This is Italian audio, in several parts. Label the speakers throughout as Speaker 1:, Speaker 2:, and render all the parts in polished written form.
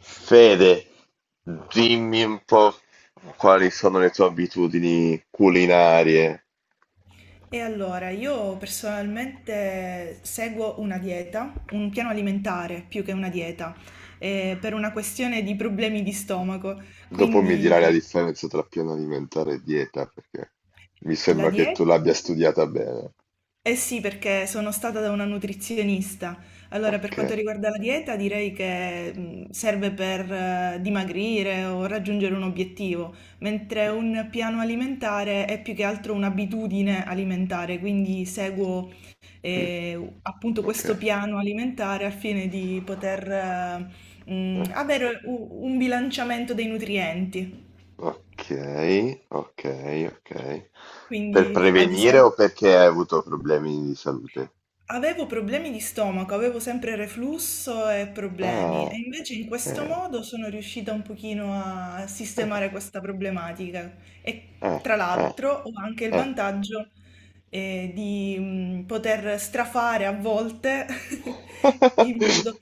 Speaker 1: Fede, dimmi un po' quali sono le tue abitudini culinarie.
Speaker 2: E allora, io personalmente seguo una dieta, un piano alimentare più che una dieta, per una questione di problemi di stomaco.
Speaker 1: Dopo mi dirai la
Speaker 2: Quindi
Speaker 1: differenza tra piano alimentare e dieta, perché mi
Speaker 2: la
Speaker 1: sembra che tu
Speaker 2: dieta...
Speaker 1: l'abbia studiata bene.
Speaker 2: Eh sì, perché sono stata da una nutrizionista. Allora, per
Speaker 1: Ok,
Speaker 2: quanto riguarda la dieta, direi che serve per dimagrire o raggiungere un obiettivo, mentre un piano alimentare è più che altro un'abitudine alimentare, quindi seguo
Speaker 1: mm,
Speaker 2: appunto
Speaker 1: ok,
Speaker 2: questo piano alimentare al fine di poter
Speaker 1: eh,
Speaker 2: avere un bilanciamento dei nutrienti.
Speaker 1: ok, ok, ok. Per
Speaker 2: Quindi, ad
Speaker 1: prevenire
Speaker 2: esempio...
Speaker 1: o perché hai avuto problemi di salute?
Speaker 2: Avevo problemi di stomaco, avevo sempre reflusso e problemi e
Speaker 1: Ah,
Speaker 2: invece in questo
Speaker 1: eh,
Speaker 2: modo sono riuscita un pochino a sistemare
Speaker 1: eh,
Speaker 2: questa problematica e
Speaker 1: eh,
Speaker 2: tra
Speaker 1: eh,
Speaker 2: l'altro ho anche il
Speaker 1: eh.
Speaker 2: vantaggio di poter strafare a volte in modo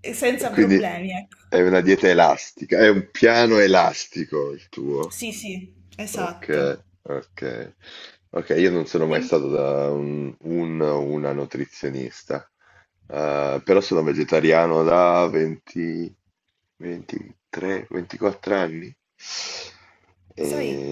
Speaker 1: E
Speaker 2: senza
Speaker 1: quindi
Speaker 2: problemi, ecco.
Speaker 1: è una dieta elastica, è un piano elastico il tuo.
Speaker 2: Sì, sì, esatto.
Speaker 1: Ok, ok. Ok, io non sono mai
Speaker 2: E
Speaker 1: stato da una nutrizionista. Però sono vegetariano da 20, 23, 24 anni. E
Speaker 2: sai,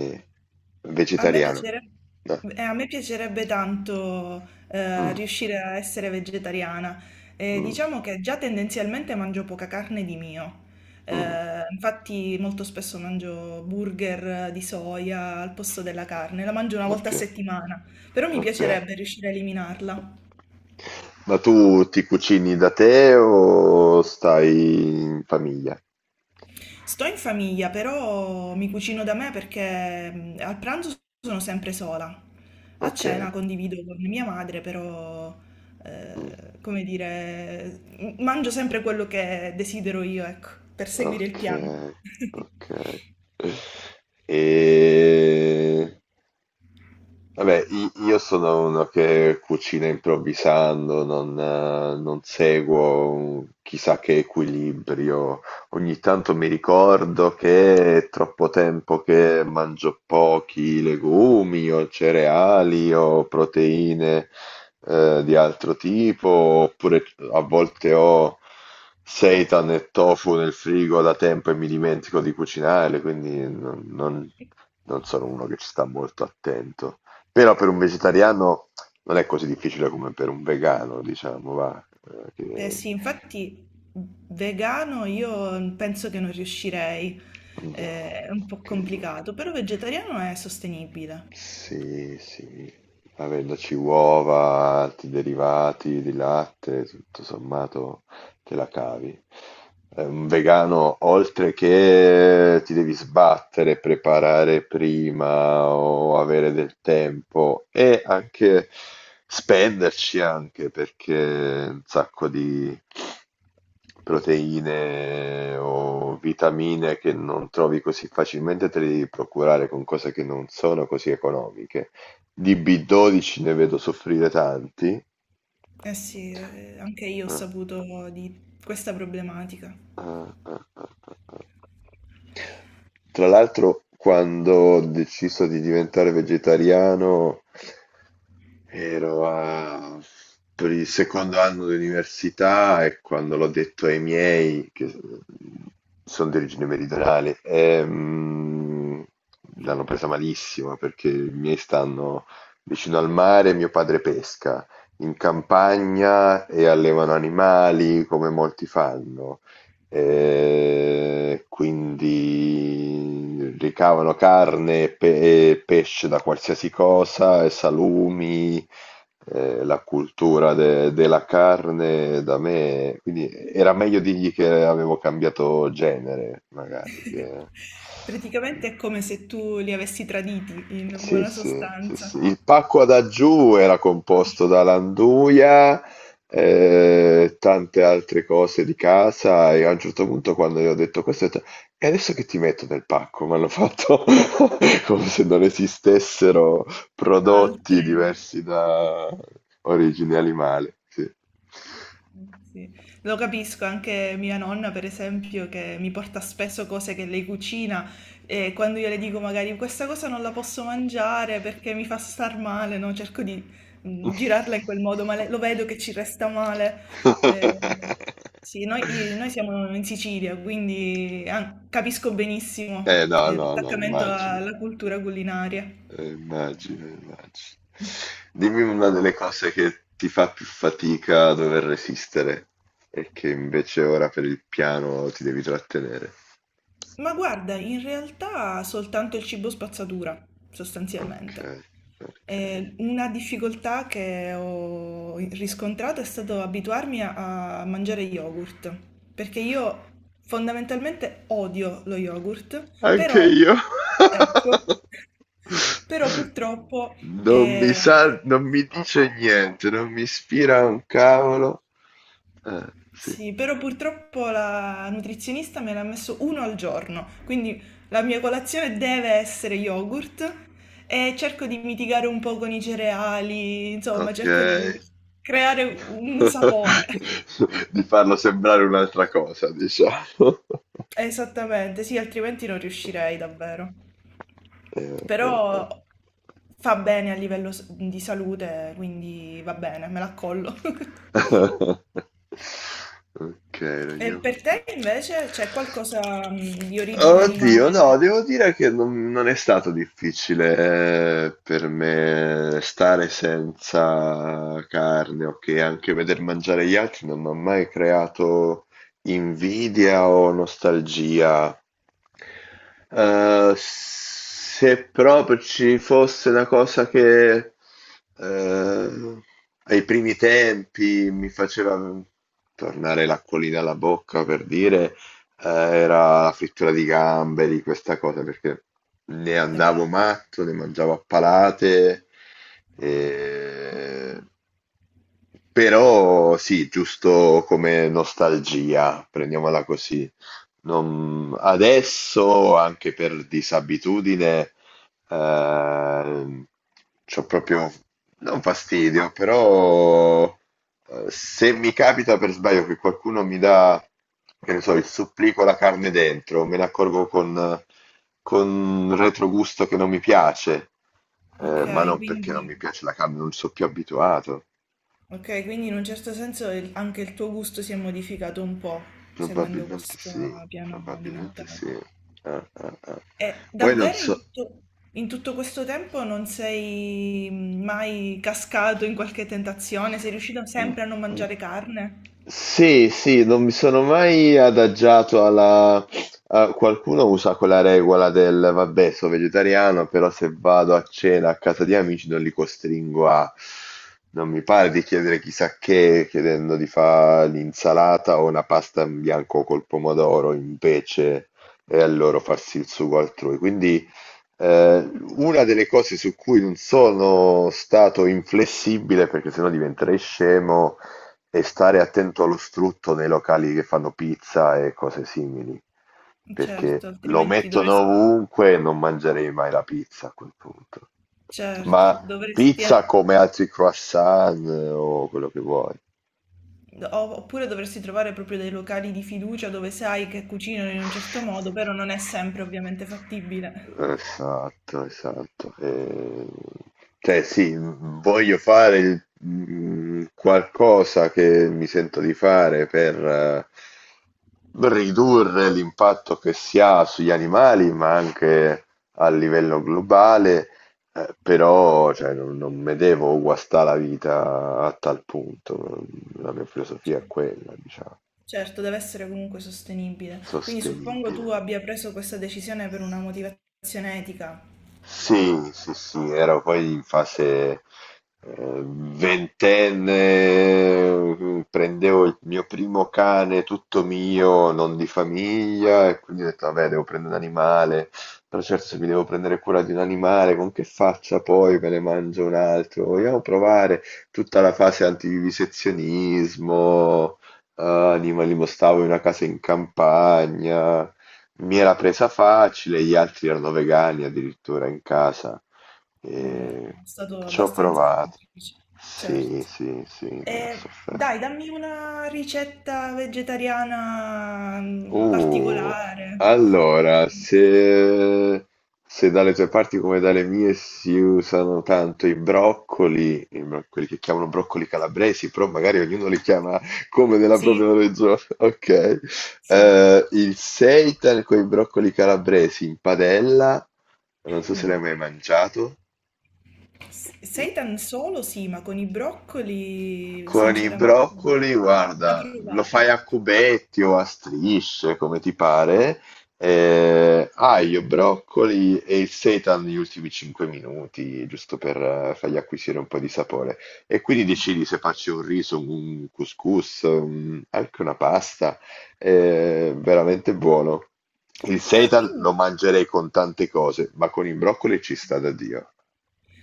Speaker 2: A me
Speaker 1: vegetariano.
Speaker 2: piacere-
Speaker 1: Eh,
Speaker 2: a me piacerebbe tanto
Speaker 1: mm,
Speaker 2: riuscire a essere vegetariana.
Speaker 1: mm,
Speaker 2: Diciamo che già tendenzialmente mangio poca carne di mio.
Speaker 1: mm,
Speaker 2: Infatti molto spesso mangio burger di soia al posto della carne, la mangio una volta
Speaker 1: ok,
Speaker 2: a settimana, però mi
Speaker 1: ok.
Speaker 2: piacerebbe riuscire a eliminarla.
Speaker 1: Ma tu ti cucini da te o stai in famiglia?
Speaker 2: Sto in famiglia, però mi cucino da me perché al pranzo sono sempre sola. A
Speaker 1: Okay,
Speaker 2: cena condivido con mia madre, però,
Speaker 1: mh,
Speaker 2: come dire, mangio sempre quello che desidero io, ecco, per seguire il piano.
Speaker 1: okay, okay. E Vabbè, io sono uno che cucina improvvisando, non seguo un chissà che equilibrio. Ogni tanto mi ricordo che è troppo tempo che mangio pochi legumi o cereali o proteine, di altro tipo, oppure a volte ho seitan e tofu nel frigo da tempo e mi dimentico di cucinare, quindi non sono uno che ci sta molto attento. Però per un vegetariano non è così difficile come per un vegano, diciamo, va.
Speaker 2: Eh sì, infatti vegano io penso che non riuscirei.
Speaker 1: No,
Speaker 2: È un po'
Speaker 1: che io-
Speaker 2: complicato, però vegetariano è sostenibile.
Speaker 1: sì, sì. Avendoci uova, altri derivati di latte, tutto sommato te la cavi. È un vegano, oltre che ti devi sbattere, preparare prima o avere del tempo e anche spenderci anche perché un sacco di proteine o vitamine che non trovi così facilmente te le devi procurare con cose che non sono così economiche. Di B12 ne vedo soffrire tanti.
Speaker 2: Eh sì, anche io ho
Speaker 1: Ah,
Speaker 2: saputo di questa problematica.
Speaker 1: ah, ah, ah, ah. Tra l'altro quando ho deciso di diventare vegetariano ero a- per il secondo anno di università e quando l'ho detto ai miei, che sono di origine meridionale, l'hanno presa malissimo perché i miei stanno vicino al mare, mio padre pesca in campagna e allevano animali come molti fanno. Quindi ricavano carne e e pesce da qualsiasi cosa, e salumi, la cultura della carne da me. Quindi era meglio dirgli che avevo cambiato genere, magari.
Speaker 2: Praticamente è come se tu li avessi traditi in
Speaker 1: Sì,
Speaker 2: buona
Speaker 1: sì, sì, sì.
Speaker 2: sostanza.
Speaker 1: Il pacco ad aggiù era composto da Landuia, tante altre cose di casa e a un certo punto quando gli ho detto questo, ho detto, e adesso che ti metto nel pacco? Mi hanno fatto come se non esistessero prodotti
Speaker 2: Altre.
Speaker 1: diversi da origine animale. Sì.
Speaker 2: Sì. Lo capisco, anche mia nonna, per esempio, che mi porta spesso cose che lei cucina e quando io le dico magari questa cosa non la posso mangiare perché mi fa star male, no? Cerco di girarla in quel modo, ma lo vedo che ci resta male. Eh, sì, noi siamo in Sicilia, quindi ah, capisco
Speaker 1: Eh
Speaker 2: benissimo
Speaker 1: no, no, no,
Speaker 2: l'attaccamento
Speaker 1: immagino.
Speaker 2: alla cultura culinaria.
Speaker 1: Immagino, immagino. Dimmi una delle cose che ti fa più fatica a dover resistere e che invece ora per il piano ti devi trattenere.
Speaker 2: Ma guarda, in realtà soltanto il cibo spazzatura,
Speaker 1: Ok,
Speaker 2: sostanzialmente.
Speaker 1: ok.
Speaker 2: Una difficoltà che ho riscontrato è stato abituarmi a mangiare yogurt, perché io fondamentalmente odio lo yogurt,
Speaker 1: Anche
Speaker 2: però,
Speaker 1: io.
Speaker 2: ecco, però purtroppo
Speaker 1: Non mi sa,
Speaker 2: eh...
Speaker 1: non mi dice niente, non mi ispira un cavolo. Sì,
Speaker 2: Sì, però purtroppo la nutrizionista me l'ha messo uno al giorno, quindi la mia colazione deve essere yogurt e cerco di mitigare un po' con i cereali, insomma,
Speaker 1: ok.
Speaker 2: cerco di creare un sapore.
Speaker 1: Di farlo sembrare un'altra cosa, diciamo.
Speaker 2: Esattamente, sì, altrimenti non riuscirei davvero.
Speaker 1: Eh.
Speaker 2: Però fa bene a livello di salute, quindi va bene, me l'accollo.
Speaker 1: Ok,
Speaker 2: E per
Speaker 1: Roberto.
Speaker 2: te invece c'è qualcosa di origine
Speaker 1: Oddio,
Speaker 2: animale?
Speaker 1: no, devo dire che non è stato difficile per me stare senza carne, ok, anche veder mangiare gli altri non mi ha mai creato invidia o nostalgia. Se proprio ci fosse una cosa che ehm, ai primi tempi mi faceva tornare l'acquolina alla bocca per dire, era la frittura di gamberi, questa cosa, perché ne andavo
Speaker 2: Vabbè,
Speaker 1: matto, ne mangiavo a palate, e- però sì, giusto come nostalgia, prendiamola così. Adesso, anche per disabitudine, ehm, c'ho proprio, non fastidio, però se mi capita per sbaglio che qualcuno mi dà, che ne so, il supplì con la carne dentro, me ne accorgo con retrogusto che non mi piace,
Speaker 2: ok,
Speaker 1: ma non perché non
Speaker 2: quindi,
Speaker 1: mi piace la carne, non sono più abituato.
Speaker 2: ok, quindi in un certo senso anche il tuo gusto si è modificato un po' seguendo
Speaker 1: Probabilmente
Speaker 2: questo
Speaker 1: sì,
Speaker 2: piano
Speaker 1: probabilmente
Speaker 2: alimentare.
Speaker 1: sì. Eh.
Speaker 2: E
Speaker 1: Poi non
Speaker 2: davvero
Speaker 1: so.
Speaker 2: in tutto questo tempo non sei mai cascato in qualche tentazione? Sei riuscito sempre a non
Speaker 1: Sì,
Speaker 2: mangiare carne?
Speaker 1: sì, sì, non mi sono mai adagiato alla... qualcuno usa quella regola del, vabbè, sono vegetariano, però se vado a cena a casa di amici non li costringo a... Non mi pare di chiedere chissà che, chiedendo di fare l'insalata o una pasta in bianco col pomodoro, invece, e a loro farsi il sugo altrui. Quindi... Eh, una delle cose su cui non sono stato inflessibile, perché sennò diventerei scemo, e stare attento allo strutto nei locali che fanno pizza e cose simili, perché
Speaker 2: Certo,
Speaker 1: lo
Speaker 2: altrimenti
Speaker 1: mettono
Speaker 2: dovresti,
Speaker 1: ovunque e non mangerei mai la pizza a quel punto.
Speaker 2: certo,
Speaker 1: Ma
Speaker 2: dovresti...
Speaker 1: pizza come altri croissant o quello che vuoi.
Speaker 2: Oppure dovresti trovare proprio dei locali di fiducia dove sai che cucinano in un certo modo, però non è sempre ovviamente fattibile.
Speaker 1: Esatto, esatto. Cioè sì, voglio fare il qualcosa che mi sento di fare per ridurre l'impatto che si ha sugli animali, ma anche a livello globale, però cioè, non mi devo guastare la vita a tal punto. La mia filosofia è
Speaker 2: Cioè,
Speaker 1: quella, diciamo,
Speaker 2: certo, deve essere comunque sostenibile. Quindi suppongo
Speaker 1: sostenibile.
Speaker 2: tu abbia preso questa decisione per una motivazione etica.
Speaker 1: Sì, sì, sì, ero poi in fase ventenne, prendevo il mio primo cane tutto mio, non di famiglia, e quindi ho detto, vabbè, devo prendere un animale, però certo se mi devo prendere cura di un animale, con che faccia poi me ne mangio un altro? Vogliamo provare tutta la fase antivivisezionismo, animalismo, stavo in una casa in campagna mi era presa facile, gli altri erano vegani addirittura in casa.
Speaker 2: Allora,
Speaker 1: E
Speaker 2: è stato
Speaker 1: ci ho
Speaker 2: abbastanza
Speaker 1: provato.
Speaker 2: semplice.
Speaker 1: Sì,
Speaker 2: Certo.
Speaker 1: sì, sì, non ho
Speaker 2: E, dai,
Speaker 1: sofferto.
Speaker 2: dammi una ricetta vegetariana
Speaker 1: Uh,
Speaker 2: particolare.
Speaker 1: allora, se dalle tue parti come dalle mie si usano tanto i broccoli, quelli che chiamano broccoli calabresi, però magari ognuno li chiama come nella propria
Speaker 2: Sì,
Speaker 1: regione, ok?
Speaker 2: sì.
Speaker 1: Il seitan con i broccoli calabresi in padella, non so se l'hai
Speaker 2: Mm.
Speaker 1: mai mangiato.
Speaker 2: Seitan solo sì, ma con i broccoli
Speaker 1: Con i
Speaker 2: sinceramente non...
Speaker 1: broccoli,
Speaker 2: da
Speaker 1: guarda, lo
Speaker 2: provare.
Speaker 1: fai a cubetti o a strisce, come ti pare. Aglio, broccoli e il seitan negli ultimi 5 minuti, giusto per fargli acquisire un po' di sapore. E quindi decidi se faccio un riso, un couscous, anche una pasta. Veramente buono. Il
Speaker 2: Ah,
Speaker 1: seitan
Speaker 2: quindi,
Speaker 1: lo mangerei con tante cose, ma con i broccoli ci sta da Dio.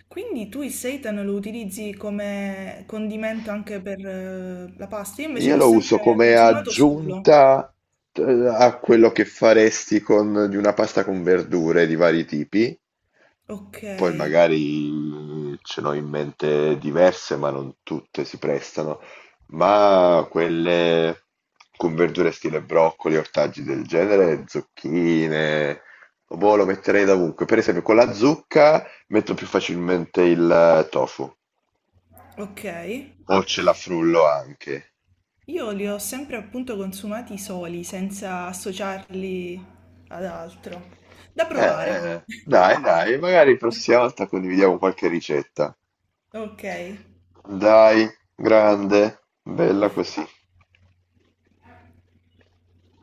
Speaker 2: quindi tu il seitan lo utilizzi come condimento anche per la pasta? Io invece
Speaker 1: Io
Speaker 2: l'ho
Speaker 1: lo uso
Speaker 2: sempre
Speaker 1: come
Speaker 2: consumato solo.
Speaker 1: aggiunta a quello che faresti con di una pasta con verdure di vari tipi,
Speaker 2: Ok,
Speaker 1: poi magari ce n'ho in mente diverse, ma non tutte si prestano, ma quelle con verdure stile broccoli, ortaggi del genere, zucchine, boh, lo metterei dovunque. Per esempio con la zucca metto più facilmente il tofu,
Speaker 2: ok.
Speaker 1: o ce la frullo anche.
Speaker 2: Io li ho sempre appunto consumati soli, senza associarli ad altro. Da provare.
Speaker 1: Dai, dai, magari prossima volta condividiamo qualche ricetta.
Speaker 2: Ok.
Speaker 1: Dai, grande, bella così.